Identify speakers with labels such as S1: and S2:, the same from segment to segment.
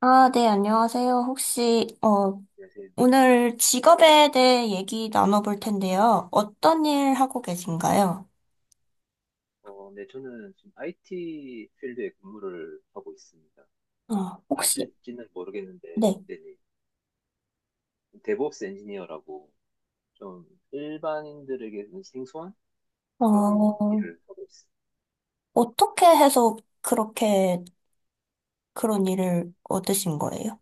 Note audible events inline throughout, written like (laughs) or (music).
S1: 아, 네, 안녕하세요.
S2: 안녕하세요.
S1: 오늘 직업에 대해 얘기 나눠볼 텐데요. 어떤 일 하고 계신가요?
S2: 저는 지금 IT 필드에 근무를 하고 있습니다.
S1: 어, 혹시,
S2: 아실지는 모르겠는데,
S1: 네,
S2: 네네. DevOps 엔지니어라고 좀 일반인들에게는 생소한 그런
S1: 어,
S2: 일을 하고 있습니다.
S1: 어떻게 해서 그렇게 그런 일을 얻으신 거예요?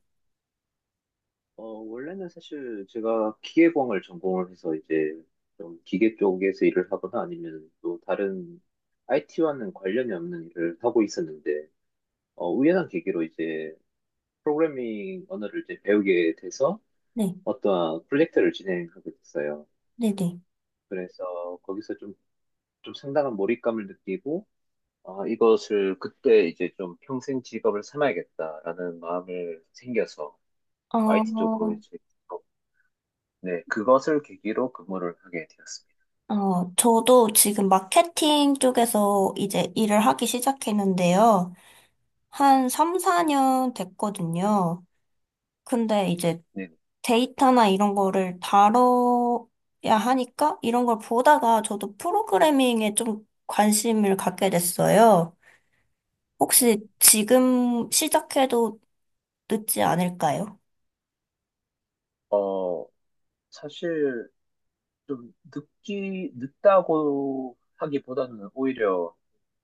S2: 원래는 사실 제가 기계공을 전공을 해서 이제 좀 기계 쪽에서 일을 하거나 아니면 또 다른 IT와는 관련이 없는 일을 하고 있었는데, 우연한 계기로 이제 프로그래밍 언어를 이제 배우게 돼서
S1: 네,
S2: 어떠한 프로젝트를 진행하게 됐어요.
S1: 네네.
S2: 그래서 거기서 좀 상당한 몰입감을 느끼고, 아, 이것을 그때 이제 좀 평생 직업을 삼아야겠다라는 마음을 생겨서 IT
S1: 어,
S2: 쪽으로 어, 네, 그것을 계기로 근무를 하게 되었습니다.
S1: 저도 지금 마케팅 쪽에서 이제 일을 하기 시작했는데요. 한 3, 4년 됐거든요. 근데 이제
S2: 네.
S1: 데이터나 이런 거를 다뤄야 하니까 이런 걸 보다가 저도 프로그래밍에 좀 관심을 갖게 됐어요. 혹시 지금 시작해도 늦지 않을까요?
S2: 어, 사실 좀 늦다고 하기보다는 오히려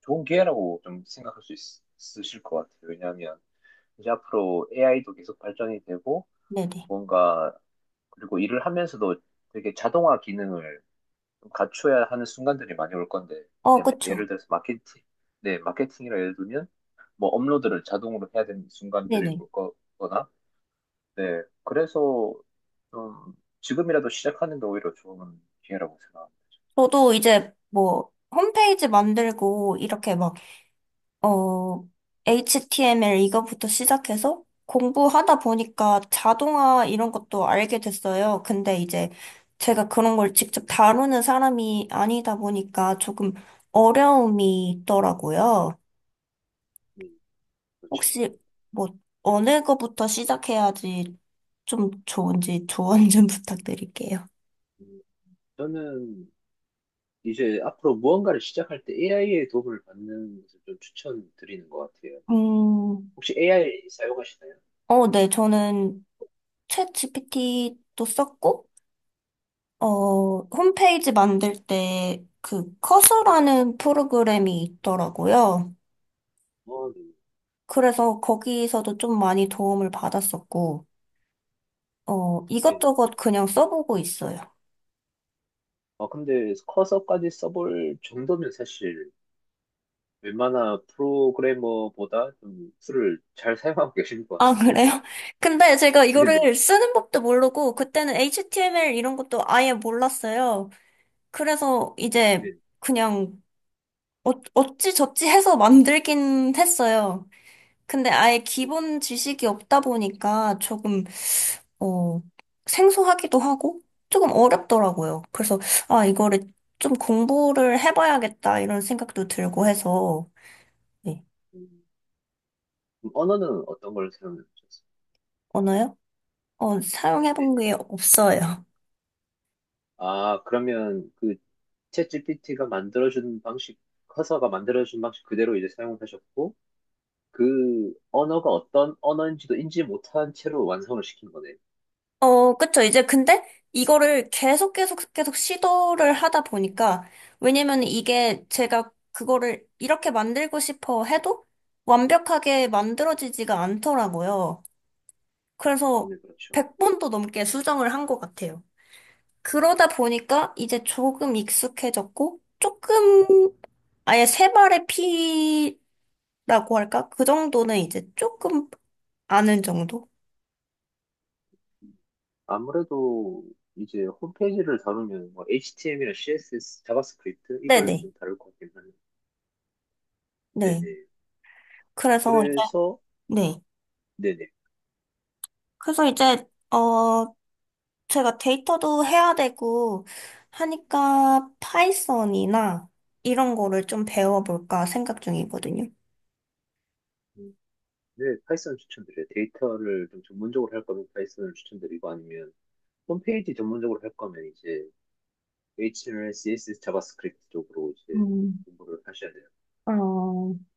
S2: 좋은 기회라고 좀 생각할 수 있으실 것 같아요. 왜냐하면 이제 앞으로 AI도 계속 발전이 되고,
S1: 네네.
S2: 뭔가, 그리고 일을 하면서도 되게 자동화 기능을 좀 갖춰야 하는 순간들이 많이 올 건데,
S1: 어,
S2: 이제
S1: 그쵸.
S2: 예를 들어서 마케팅, 네, 마케팅이라 예를 들면, 뭐 업로드를 자동으로 해야 되는 순간들이
S1: 네네.
S2: 올 거거나, 네, 그래서 좀 지금이라도 시작하는 게 오히려 좋은 기회라고 생각합니다.
S1: 저도 이제 뭐 홈페이지 만들고 이렇게 막 어, HTML 이거부터 시작해서 공부하다 보니까 자동화 이런 것도 알게 됐어요. 근데 이제 제가 그런 걸 직접 다루는 사람이 아니다 보니까 조금 어려움이 있더라고요.
S2: 음, 그렇죠.
S1: 혹시 뭐 어느 거부터 시작해야지 좀 좋은지 조언 좀 (laughs) 부탁드릴게요.
S2: 음, 저는 이제 앞으로 무언가를 시작할 때 AI의 도움을 받는 것을 좀 추천드리는 것 같아요.
S1: 음,
S2: 혹시 AI 사용하시나요?
S1: 어, 네, 저는 챗GPT도 썼고, 어, 홈페이지 만들 때 그 커서라는 프로그램이 있더라고요.
S2: 어, 네.
S1: 그래서 거기서도 좀 많이 도움을 받았었고,
S2: 네.
S1: 이것저것 그냥 써보고 있어요.
S2: 아, 근데 커서까지 써볼 정도면 사실 웬만한 프로그래머보다 좀 툴을 잘 사용하고 계시는 것
S1: 아,
S2: 같은데요?
S1: 그래요? (laughs) 근데 제가
S2: 네네.
S1: 이거를 쓰는 법도 모르고, 그때는 HTML 이런 것도 아예 몰랐어요. 그래서 이제
S2: 네.
S1: 그냥 어찌저찌 해서 만들긴 했어요. 근데 아예
S2: 네.
S1: 기본 지식이 없다 보니까 조금, 어, 생소하기도 하고 조금 어렵더라고요. 그래서, 아, 이거를 좀 공부를 해봐야겠다 이런 생각도 들고 해서, 네.
S2: 음, 그럼 언어는 어떤 걸 사용하셨어요?
S1: 언어요? 어,
S2: 네.
S1: 사용해본 게 없어요.
S2: 아, 그러면 그 챗GPT가 만들어준 방식, 커서가 만들어준 방식 그대로 이제 사용하셨고, 그 언어가 어떤 언어인지도 인지 못한 채로 완성을 시킨 거네요.
S1: (laughs) 어, 그쵸. 이제 근데 이거를 계속 시도를 하다 보니까, 왜냐면 이게 제가 그거를 이렇게 만들고 싶어 해도 완벽하게 만들어지지가 않더라고요.
S2: 아,
S1: 그래서
S2: 네, 그렇죠.
S1: 100번도 넘게 수정을 한 것 같아요. 그러다 보니까 이제 조금 익숙해졌고, 조금, 아예 세 발의 피라고 할까? 그 정도는 이제 조금 아는 정도?
S2: 아무래도 이제 홈페이지를 다루면 뭐 HTML이나 CSS, 자바스크립트 이걸
S1: 네네.
S2: 좀 다룰 것 같긴 한데
S1: 네.
S2: 네네.
S1: 그래서 이제,
S2: 그래서
S1: 네.
S2: 네네.
S1: 그래서 이제, 제가 데이터도 해야 되고 하니까 파이썬이나 이런 거를 좀 배워볼까 생각 중이거든요.
S2: 음, 네, 파이썬 추천드려요. 데이터를 좀 전문적으로 할 거면 파이썬을 추천드리고 아니면 홈페이지 전문적으로 할 거면 이제 HTML, CSS, 자바스크립트 쪽으로 이제
S1: 음.
S2: 공부를 하셔야 돼요.
S1: 어,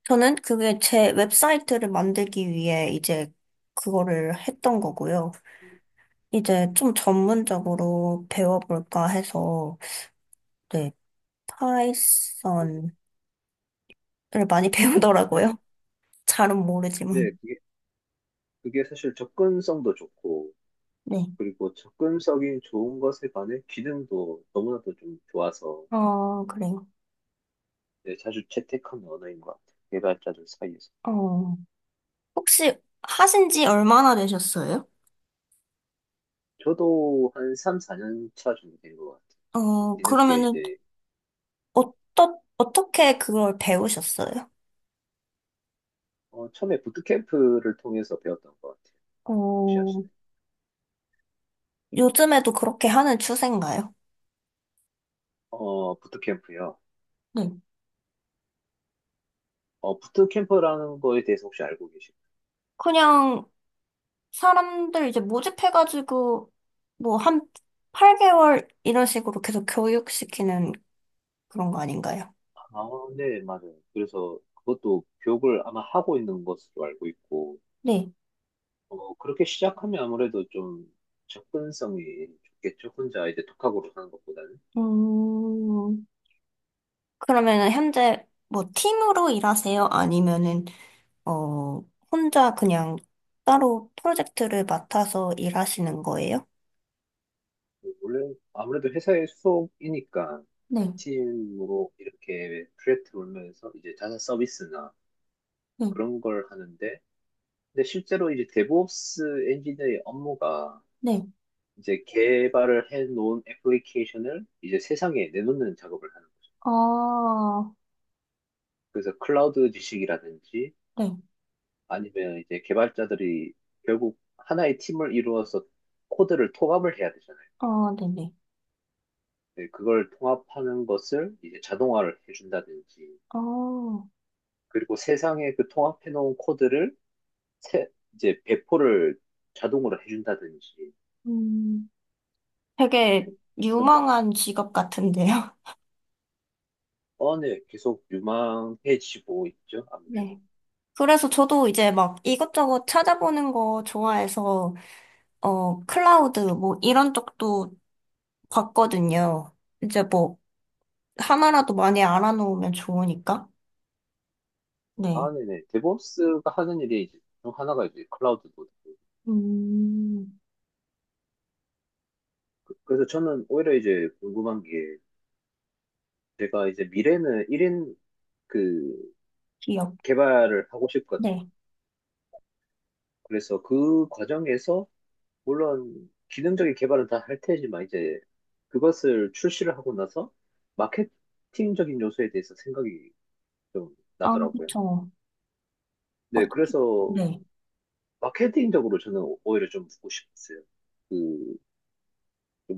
S1: 저는 그게 제 웹사이트를 만들기 위해 이제 그거를 했던 거고요.
S2: 음,
S1: 이제 좀 전문적으로 배워볼까 해서, 네,
S2: 네,
S1: 파이썬을 많이 (laughs)
S2: 네,
S1: 배우더라고요. 잘은
S2: 네,
S1: 모르지만.
S2: 그게 사실 접근성도 좋고
S1: 네.
S2: 그리고 접근성이 좋은 것에 반해 기능도 너무나도 좀 좋아서
S1: 어, 그래요.
S2: 네, 자주 채택하는 언어인 것 같아요. 개발자들 사이에서.
S1: 어, 혹시 하신 지 얼마나 되셨어요?
S2: 저도 한 3, 4년 차 정도 된 것 같아요.
S1: 어,
S2: 뒤늦게
S1: 그러면은, 어떻게 그걸 배우셨어요?
S2: 처음에 부트캠프를 통해서 배웠던 것 같아요. 혹시
S1: 어,
S2: 아시나요?
S1: 요즘에도 그렇게 하는 추세인가요?
S2: 어, 부트캠프요.
S1: 네.
S2: 부트캠프라는 거에 대해서 혹시 알고 계십니까?
S1: 그냥 사람들 이제 모집해가지고 뭐 한 8개월 이런 식으로 계속 교육시키는 그런 거 아닌가요?
S2: 아, 네, 맞아요. 그래서 그것도 교육을 아마 하고 있는 것으로 알고 있고,
S1: 네.
S2: 그렇게 시작하면 아무래도 좀 접근성이 좋겠죠. 혼자 이제 독학으로 하는 것보다는.
S1: 음, 그러면은 현재 뭐 팀으로 일하세요? 아니면은 어 혼자 그냥 따로 프로젝트를 맡아서 일하시는 거예요?
S2: 원래 아무래도 회사의 소속이니까
S1: 네,
S2: 팀으로 이렇게 프로젝트 돌면서 이제 자사 서비스나
S1: 네,
S2: 그런 걸 하는데 근데 실제로 이제 DevOps 엔지니어의 업무가
S1: 네.
S2: 이제 개발을 해놓은 애플리케이션을 이제 세상에 내놓는 작업을 하는 거죠.
S1: 아,
S2: 그래서 클라우드 지식이라든지
S1: 네.
S2: 아니면 이제 개발자들이 결국 하나의 팀을 이루어서 코드를 통합을 해야 되잖아요.
S1: 아, 네네.
S2: 네, 그걸 통합하는 것을 이제 자동화를 해준다든지
S1: 아,
S2: 그리고 세상에 그 통합해놓은 코드를 세- 이제 배포를 자동으로 해준다든지
S1: 음,
S2: 네.
S1: 되게
S2: 좀
S1: 유망한 직업 같은데요?
S2: 어, 네, 계속 유망해지고 있죠,
S1: (laughs)
S2: 아무래도.
S1: 네. 그래서 저도 이제 막 이것저것 찾아보는 거 좋아해서, 어, 클라우드 뭐 이런 쪽도 봤거든요. 이제 뭐 하나라도 많이 알아놓으면 좋으니까. 네.
S2: 아, 네네. 데브옵스가 하는 일이 이제 중 하나가 이제 클라우드 노드.
S1: 음,
S2: 그래서 저는 오히려 이제 궁금한 게 제가 이제 미래는 1인 그
S1: 기억.
S2: 개발을 하고 싶거든요.
S1: 네.
S2: 그래서 그 과정에서 물론 기능적인 개발은 다 할 테지만 이제 그것을 출시를 하고 나서 마케팅적인 요소에 대해서 생각이 좀
S1: 아,
S2: 나더라고요.
S1: 그쵸.
S2: 네,
S1: 어떻게,
S2: 그래서
S1: 네.
S2: 마케팅적으로 저는 오히려 좀 묻고 싶었어요. 그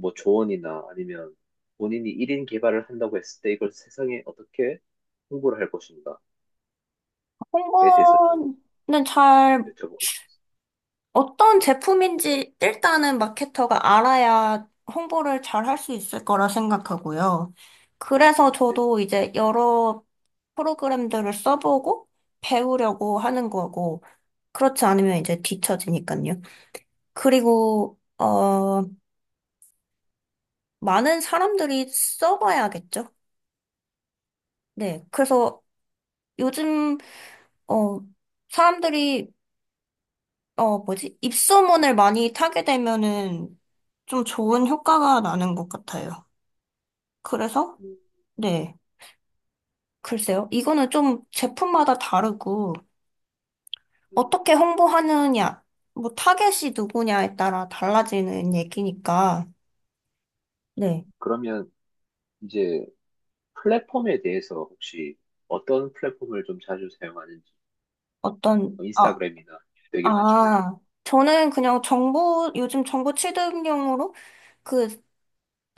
S2: 뭐 조언이나 아니면 본인이 1인 개발을 한다고 했을 때 이걸 세상에 어떻게 홍보를 할 것인가에 대해서 좀
S1: 홍보는 잘
S2: 여쭤보고 싶었어요.
S1: 어떤 제품인지 일단은 마케터가 알아야 홍보를 잘 할 수 있을 거라 생각하고요. 그래서
S2: 네,
S1: 저도 이제 여러 프로그램들을 써보고 배우려고 하는 거고, 그렇지 않으면 이제 뒤처지니까요. 그리고, 어, 많은 사람들이 써봐야겠죠. 네. 그래서 요즘, 어, 사람들이, 어, 뭐지? 입소문을 많이 타게 되면은 좀 좋은 효과가 나는 것 같아요. 그래서, 네, 글쎄요. 이거는 좀 제품마다 다르고,
S2: 음,
S1: 어떻게 홍보하느냐, 뭐, 타겟이 누구냐에 따라 달라지는 얘기니까, 네,
S2: 그러면 이제 플랫폼에 대해서 혹시 어떤 플랫폼을 좀 자주 사용하는지
S1: 아,
S2: 인스타그램이나 되게 많잖아요.
S1: 아, 저는 그냥 정보, 요즘 정보 취득용으로 그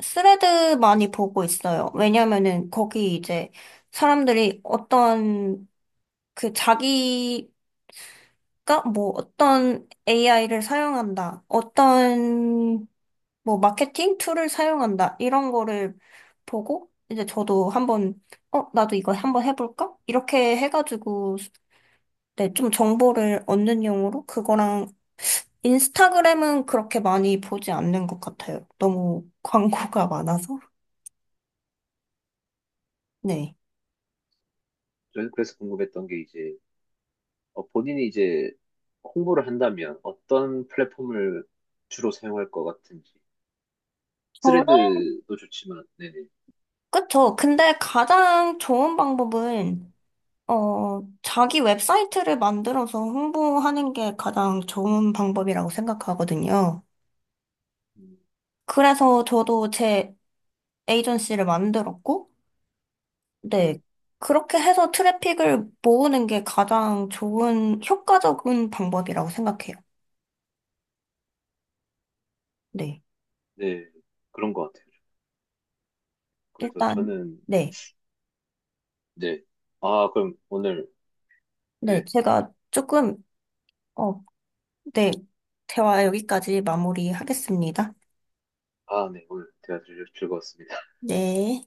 S1: 스레드 많이 보고 있어요. 왜냐면은 거기 이제 사람들이 어떤 그 자기가 뭐 어떤 AI를 사용한다, 어떤 뭐 마케팅 툴을 사용한다 이런 거를 보고 이제 저도 한번 어 나도 이거 한번 해볼까? 이렇게 해가지고 네, 좀 정보를 얻는 용으로 그거랑 인스타그램은 그렇게 많이 보지 않는 것 같아요. 너무 (laughs) 광고가 많아서. 네.
S2: 저는 그래서 궁금했던 게 이제 본인이 이제 홍보를 한다면 어떤 플랫폼을 주로 사용할 것 같은지
S1: 정말?
S2: 스레드도 좋지만 네네
S1: 그쵸. 근데 가장 좋은 방법은, 어, 자기 웹사이트를 만들어서 홍보하는 게 가장 좋은 방법이라고 생각하거든요.
S2: 음,
S1: 그래서 저도 제 에이전시를 만들었고,
S2: 네,
S1: 네. 그렇게 해서 트래픽을 모으는 게 가장 좋은, 효과적인 방법이라고 생각해요. 네.
S2: 네. 그런 것 같아요. 그래서
S1: 일단,
S2: 저는
S1: 네.
S2: 네. 아, 그럼 오늘
S1: 네.
S2: 네.
S1: 제가 조금, 어, 네. 대화 여기까지 마무리하겠습니다.
S2: 아, 네, 오늘 대화 즐거웠습니다.
S1: 네.